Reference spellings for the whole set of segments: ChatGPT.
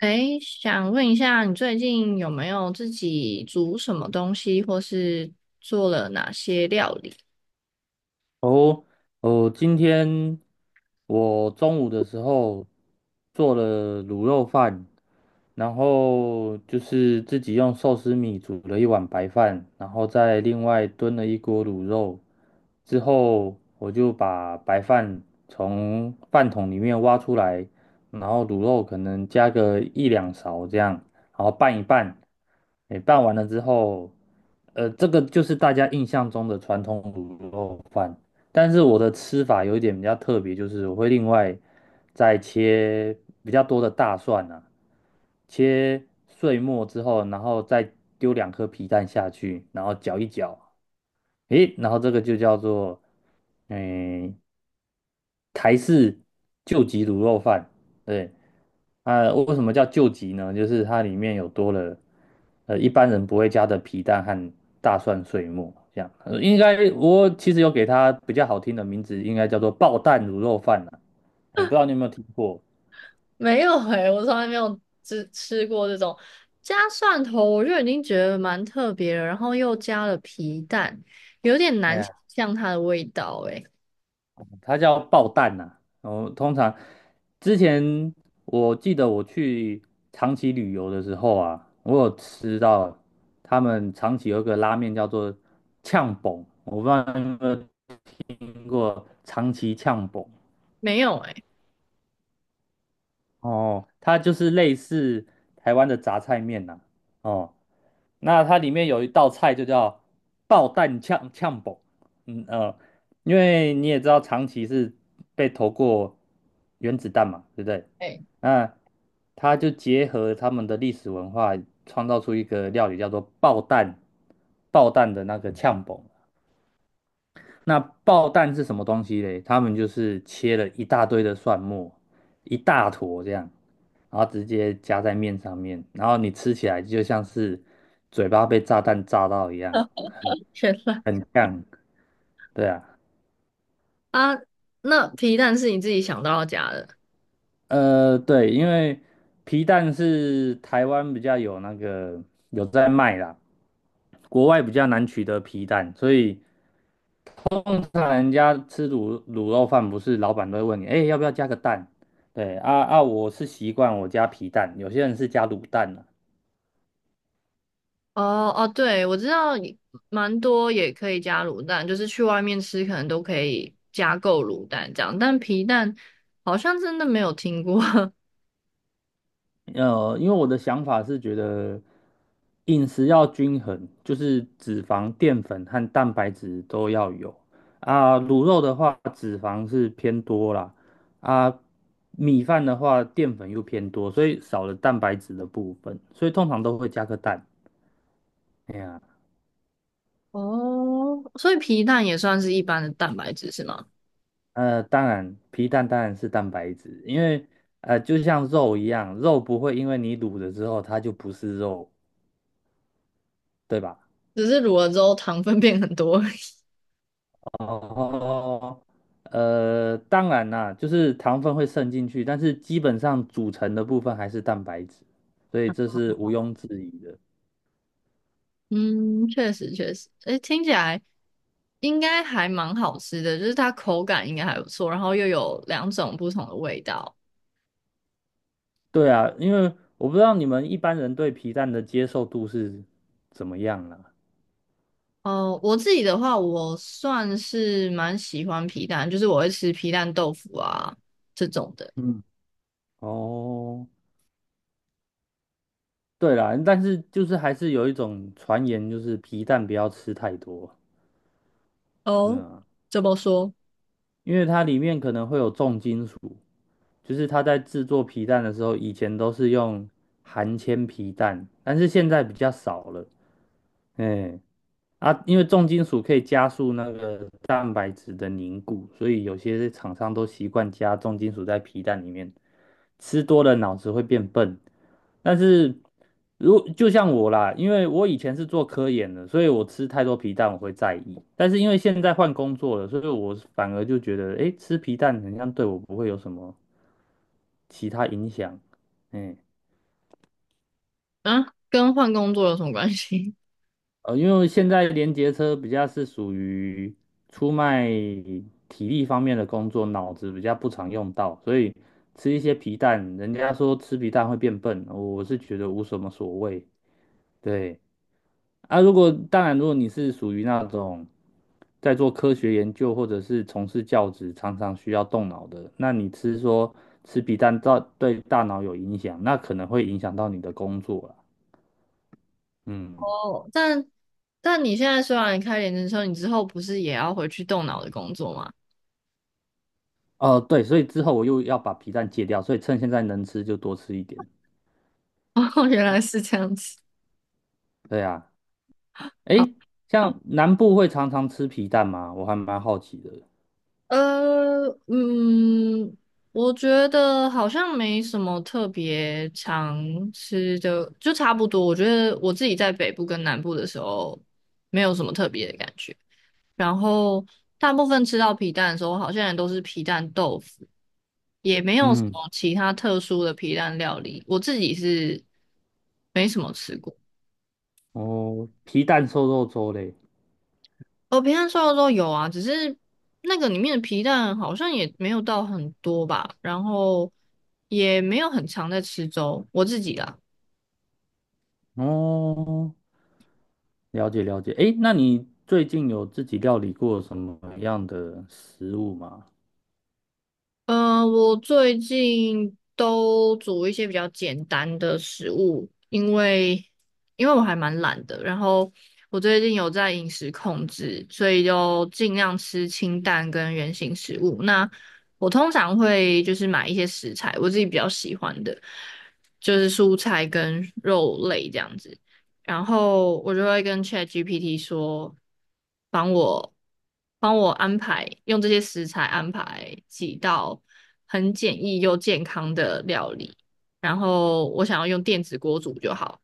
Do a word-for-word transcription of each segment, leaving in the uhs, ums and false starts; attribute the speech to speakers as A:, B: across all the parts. A: 诶，想问一下，你最近有没有自己煮什么东西，或是做了哪些料理？
B: 哦，哦，今天我中午的时候做了卤肉饭，然后就是自己用寿司米煮了一碗白饭，然后再另外炖了一锅卤肉。之后我就把白饭从饭桶里面挖出来，然后卤肉可能加个一两勺这样，然后拌一拌。诶，拌完了之后，呃，这个就是大家印象中的传统卤肉饭。但是我的吃法有一点比较特别，就是我会另外再切比较多的大蒜啊，切碎末之后，然后再丢两颗皮蛋下去，然后搅一搅，诶，然后这个就叫做嗯台式救急卤肉饭，对。啊，为什么叫救急呢？就是它里面有多了，呃，一般人不会加的皮蛋和大蒜碎末，这样。呃应该我其实有给它比较好听的名字，应该叫做爆蛋卤肉饭啦。哎，不知道你有没有听过？
A: 没有诶、我从来没有吃吃过这种加蒜头，我就已经觉得蛮特别了，然后又加了皮蛋，有点
B: 哎
A: 难想
B: 呀，
A: 象它的味道诶、
B: 它叫爆蛋呐。然后通常之前我记得我去长崎旅游的时候啊，我有吃到他们长崎有一个拉面叫做呛崩，我不知道你有没有听过长崎呛崩。
A: 没有诶，
B: 哦，它就是类似台湾的杂菜面呐、哦，那它里面有一道菜就叫爆蛋呛呛煲。嗯呃，因为你也知道长崎是被投过原子弹嘛，对不对？
A: 诶、
B: 那他就结合他们的历史文化，创造出一个料理叫做爆蛋爆蛋的那个呛煲。那爆蛋是什么东西嘞？他们就是切了一大堆的蒜末，一大坨这样，然后直接夹在面上面，然后你吃起来就像是嘴巴被炸弹炸到一样，很
A: 原来
B: 很呛。对啊，
A: 啊，那皮蛋是你自己想到要加的？
B: 呃，对，因为皮蛋是台湾比较有那个有在卖啦，国外比较难取得皮蛋，所以通常人家吃卤卤肉饭，不是老板都会问你，哎、要不要加个蛋？对啊啊，我是习惯我加皮蛋，有些人是加卤蛋啊。
A: 哦哦，对，我知道也蛮多也可以加卤蛋，就是去外面吃可能都可以加购卤蛋这样，但皮蛋好像真的没有听过。
B: 呃，因为我的想法是觉得饮食要均衡，就是脂肪、淀粉和蛋白质都要有啊。卤肉的话，脂肪是偏多啦，啊，米饭的话，淀粉又偏多，所以少了蛋白质的部分，所以通常都会加个蛋。哎呀。
A: 哦，所以皮蛋也算是一般的蛋白质是吗？
B: 呃，当然，皮蛋当然是蛋白质，因为呃，就像肉一样，肉不会因为你卤了之后它就不是肉，对吧？
A: 只是卤了之后糖分变很多而已。
B: 哦，呃，当然啦，就是糖分会渗进去，但是基本上组成的部分还是蛋白质，所以这是毋庸置疑的。
A: 嗯，确实确实，诶，听起来应该还蛮好吃的，就是它口感应该还不错，然后又有两种不同的味道。
B: 对啊，因为我不知道你们一般人对皮蛋的接受度是怎么样啦。
A: 哦，我自己的话，我算是蛮喜欢皮蛋，就是我会吃皮蛋豆腐啊这种的。
B: 嗯，哦，对啦，但是就是还是有一种传言，就是皮蛋不要吃太多。
A: 哦，
B: 嗯，
A: 怎么说？
B: 因为它里面可能会有重金属，就是它在制作皮蛋的时候，以前都是用含铅皮蛋，但是现在比较少了。哎，啊，因为重金属可以加速那个蛋白质的凝固，所以有些厂商都习惯加重金属在皮蛋里面。吃多了脑子会变笨，但是如就像我啦，因为我以前是做科研的，所以我吃太多皮蛋我会在意。但是因为现在换工作了，所以我反而就觉得，诶，吃皮蛋好像对我不会有什么其他影响。嗯。
A: 啊，跟换工作有什么关系？
B: 呃，因为现在连结车比较是属于出卖体力方面的工作，脑子比较不常用到，所以吃一些皮蛋，人家说吃皮蛋会变笨，我是觉得无什么所谓。对啊，如果当然，如果你是属于那种在做科学研究或者是从事教职，常常需要动脑的，那你吃说吃皮蛋造对大脑有影响，那可能会影响到你的工作了。嗯。
A: 哦，但但你现在虽然开连职车，你之后不是也要回去动脑的工作吗？
B: 哦，对，所以之后我又要把皮蛋戒掉，所以趁现在能吃就多吃一点。
A: 哦，原来是这样子。
B: 对啊，诶，像南部会常常吃皮蛋吗？我还蛮好奇的。
A: 呃，嗯，我觉得好像没什么特别常吃的，就差不多。我觉得我自己在北部跟南部的时候，没有什么特别的感觉。然后大部分吃到皮蛋的时候，好像也都是皮蛋豆腐，也没有什
B: 嗯，
A: 么其他特殊的皮蛋料理。我自己是没什么吃过。
B: 哦，皮蛋瘦肉粥嘞。
A: 哦，皮蛋瘦肉粥有啊，只是那个里面的皮蛋好像也没有到很多吧，然后也没有很常在吃粥，我自己啊。
B: 哦，了解了解。诶，那你最近有自己料理过什么样的食物吗？
A: 嗯，我最近都煮一些比较简单的食物，因为因为我还蛮懒的，然后我最近有在饮食控制，所以就尽量吃清淡跟原形食物。那我通常会就是买一些食材，我自己比较喜欢的，就是蔬菜跟肉类这样子。然后我就会跟 ChatGPT 说，帮我帮我安排，用这些食材安排几道很简易又健康的料理。然后我想要用电子锅煮就好，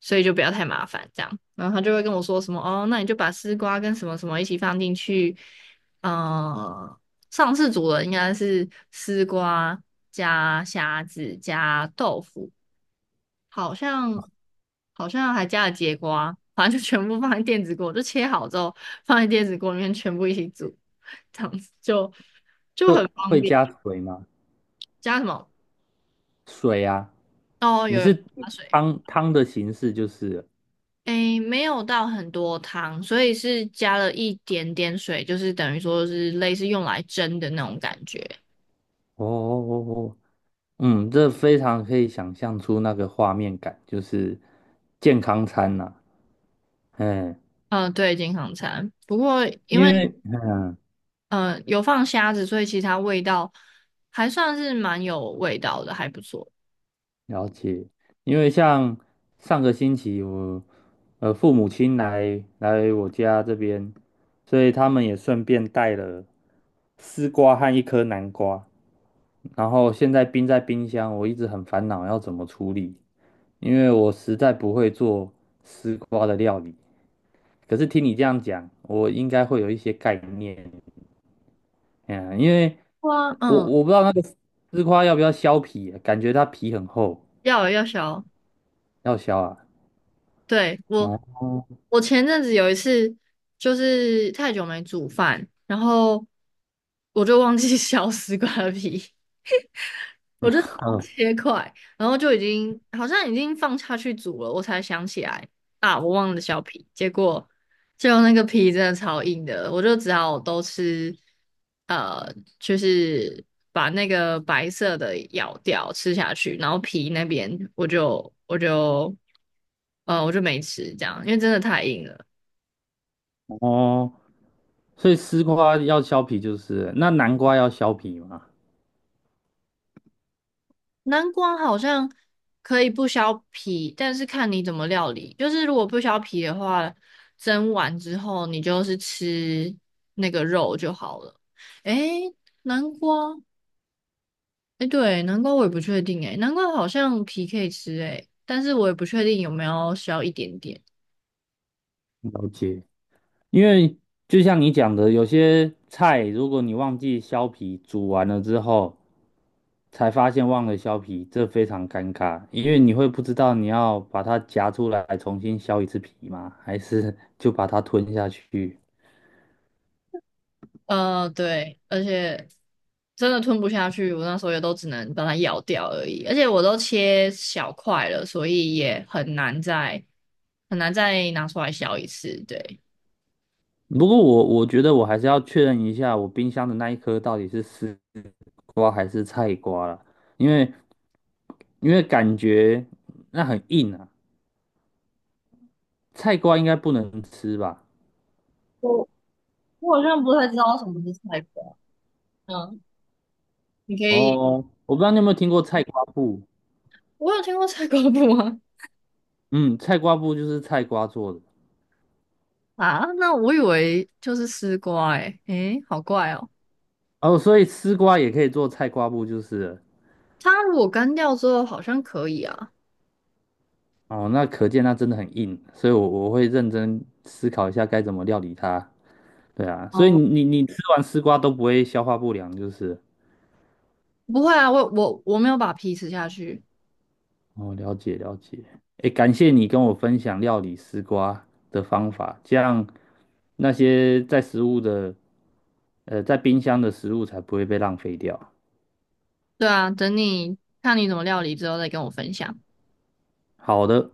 A: 所以就不要太麻烦这样。然后他就会跟我说什么哦，那你就把丝瓜跟什么什么一起放进去。呃，上次煮的应该是丝瓜加虾子加豆腐。好像好像还加了节瓜，反正就全部放在电子锅，就切好之后放在电子锅里面全部一起煮，这样子就就
B: 会
A: 很方
B: 会
A: 便。
B: 加水吗？
A: 加什么？
B: 水啊，
A: 哦，
B: 你
A: 有有
B: 是
A: 加水，
B: 汤汤的形式就是
A: 诶，没有到很多汤，所以是加了一点点水，就是等于说是类似用来蒸的那种感觉。
B: 哦哦哦哦嗯，这非常可以想象出那个画面感，就是健康餐呐、嗯，
A: 嗯、呃对，健康餐。不过因
B: 因
A: 为
B: 为
A: 嗯有放虾子，所以其实它味道还算是蛮有味道的，还不错。
B: 了解，因为像上个星期我呃父母亲来来我家这边，所以他们也顺便带了丝瓜和一颗南瓜，然后现在冰在冰箱，我一直很烦恼要怎么处理，因为我实在不会做丝瓜的料理。可是听你这样讲，我应该会有一些概念，嗯，因为
A: 哇，
B: 我
A: 嗯，
B: 我不知道那个丝瓜要不要削皮，感觉它皮很厚，
A: 要有要小。
B: 要削啊。
A: 对，我，
B: 哦，
A: 我前阵子有一次就是太久没煮饭，然后我就忘记 削丝瓜皮，
B: 嗯
A: 切块，然后就已经好像已经放下去煮了，我才想起来啊，我忘了削皮，结果就那个皮真的超硬的，我就只好都吃，呃，就是把那个白色的咬掉吃下去，然后皮那边我就我就呃我就没吃这样，因为真的太硬了。
B: 哦，所以丝瓜要削皮就是了那南瓜要削皮吗？
A: 南瓜好像可以不削皮，但是看你怎么料理。就是如果不削皮的话，蒸完之后你就是吃那个肉就好了。诶，南瓜，诶，对，南瓜我也不确定诶，南瓜好像皮可以吃诶，但是我也不确定有没有削一点点。
B: 了解。因为就像你讲的，有些菜如果你忘记削皮，煮完了之后才发现忘了削皮，这非常尴尬，因为你会不知道你要把它夹出来重新削一次皮吗？还是就把它吞下去？
A: 呃，对，而且真的吞不下去，我那时候也都只能把它咬掉而已，而且我都切小块了，所以也很难再很难再拿出来削一次。对，
B: 不过我我觉得我还是要确认一下，我冰箱的那一颗到底是丝瓜还是菜瓜啦，因为因为感觉那很硬啊，菜瓜应该不能吃吧？
A: 我我好像不太知道什么是菜瓜。嗯，你可以，
B: 哦，我不知道你有没有听过菜瓜布，
A: 我有听过菜瓜布吗？
B: 嗯，菜瓜布就是菜瓜做的
A: 啊，那我以为就是丝瓜、欸，诶，诶好怪哦。
B: 哦，所以丝瓜也可以做菜瓜布就是了
A: 它如果干掉之后好像可以啊，
B: 哦，那可见它真的很硬，所以我我会认真思考一下该怎么料理它。对啊，所以
A: 哦，
B: 你你你吃完丝瓜都不会消化不良就是了
A: 不会啊，我我我没有把皮吃下去。
B: 哦，了解了解。诶，感谢你跟我分享料理丝瓜的方法，这样那些在食物的，呃，在冰箱的食物才不会被浪费掉。
A: 对啊，等你看你怎么料理之后再跟我分享。
B: 好的。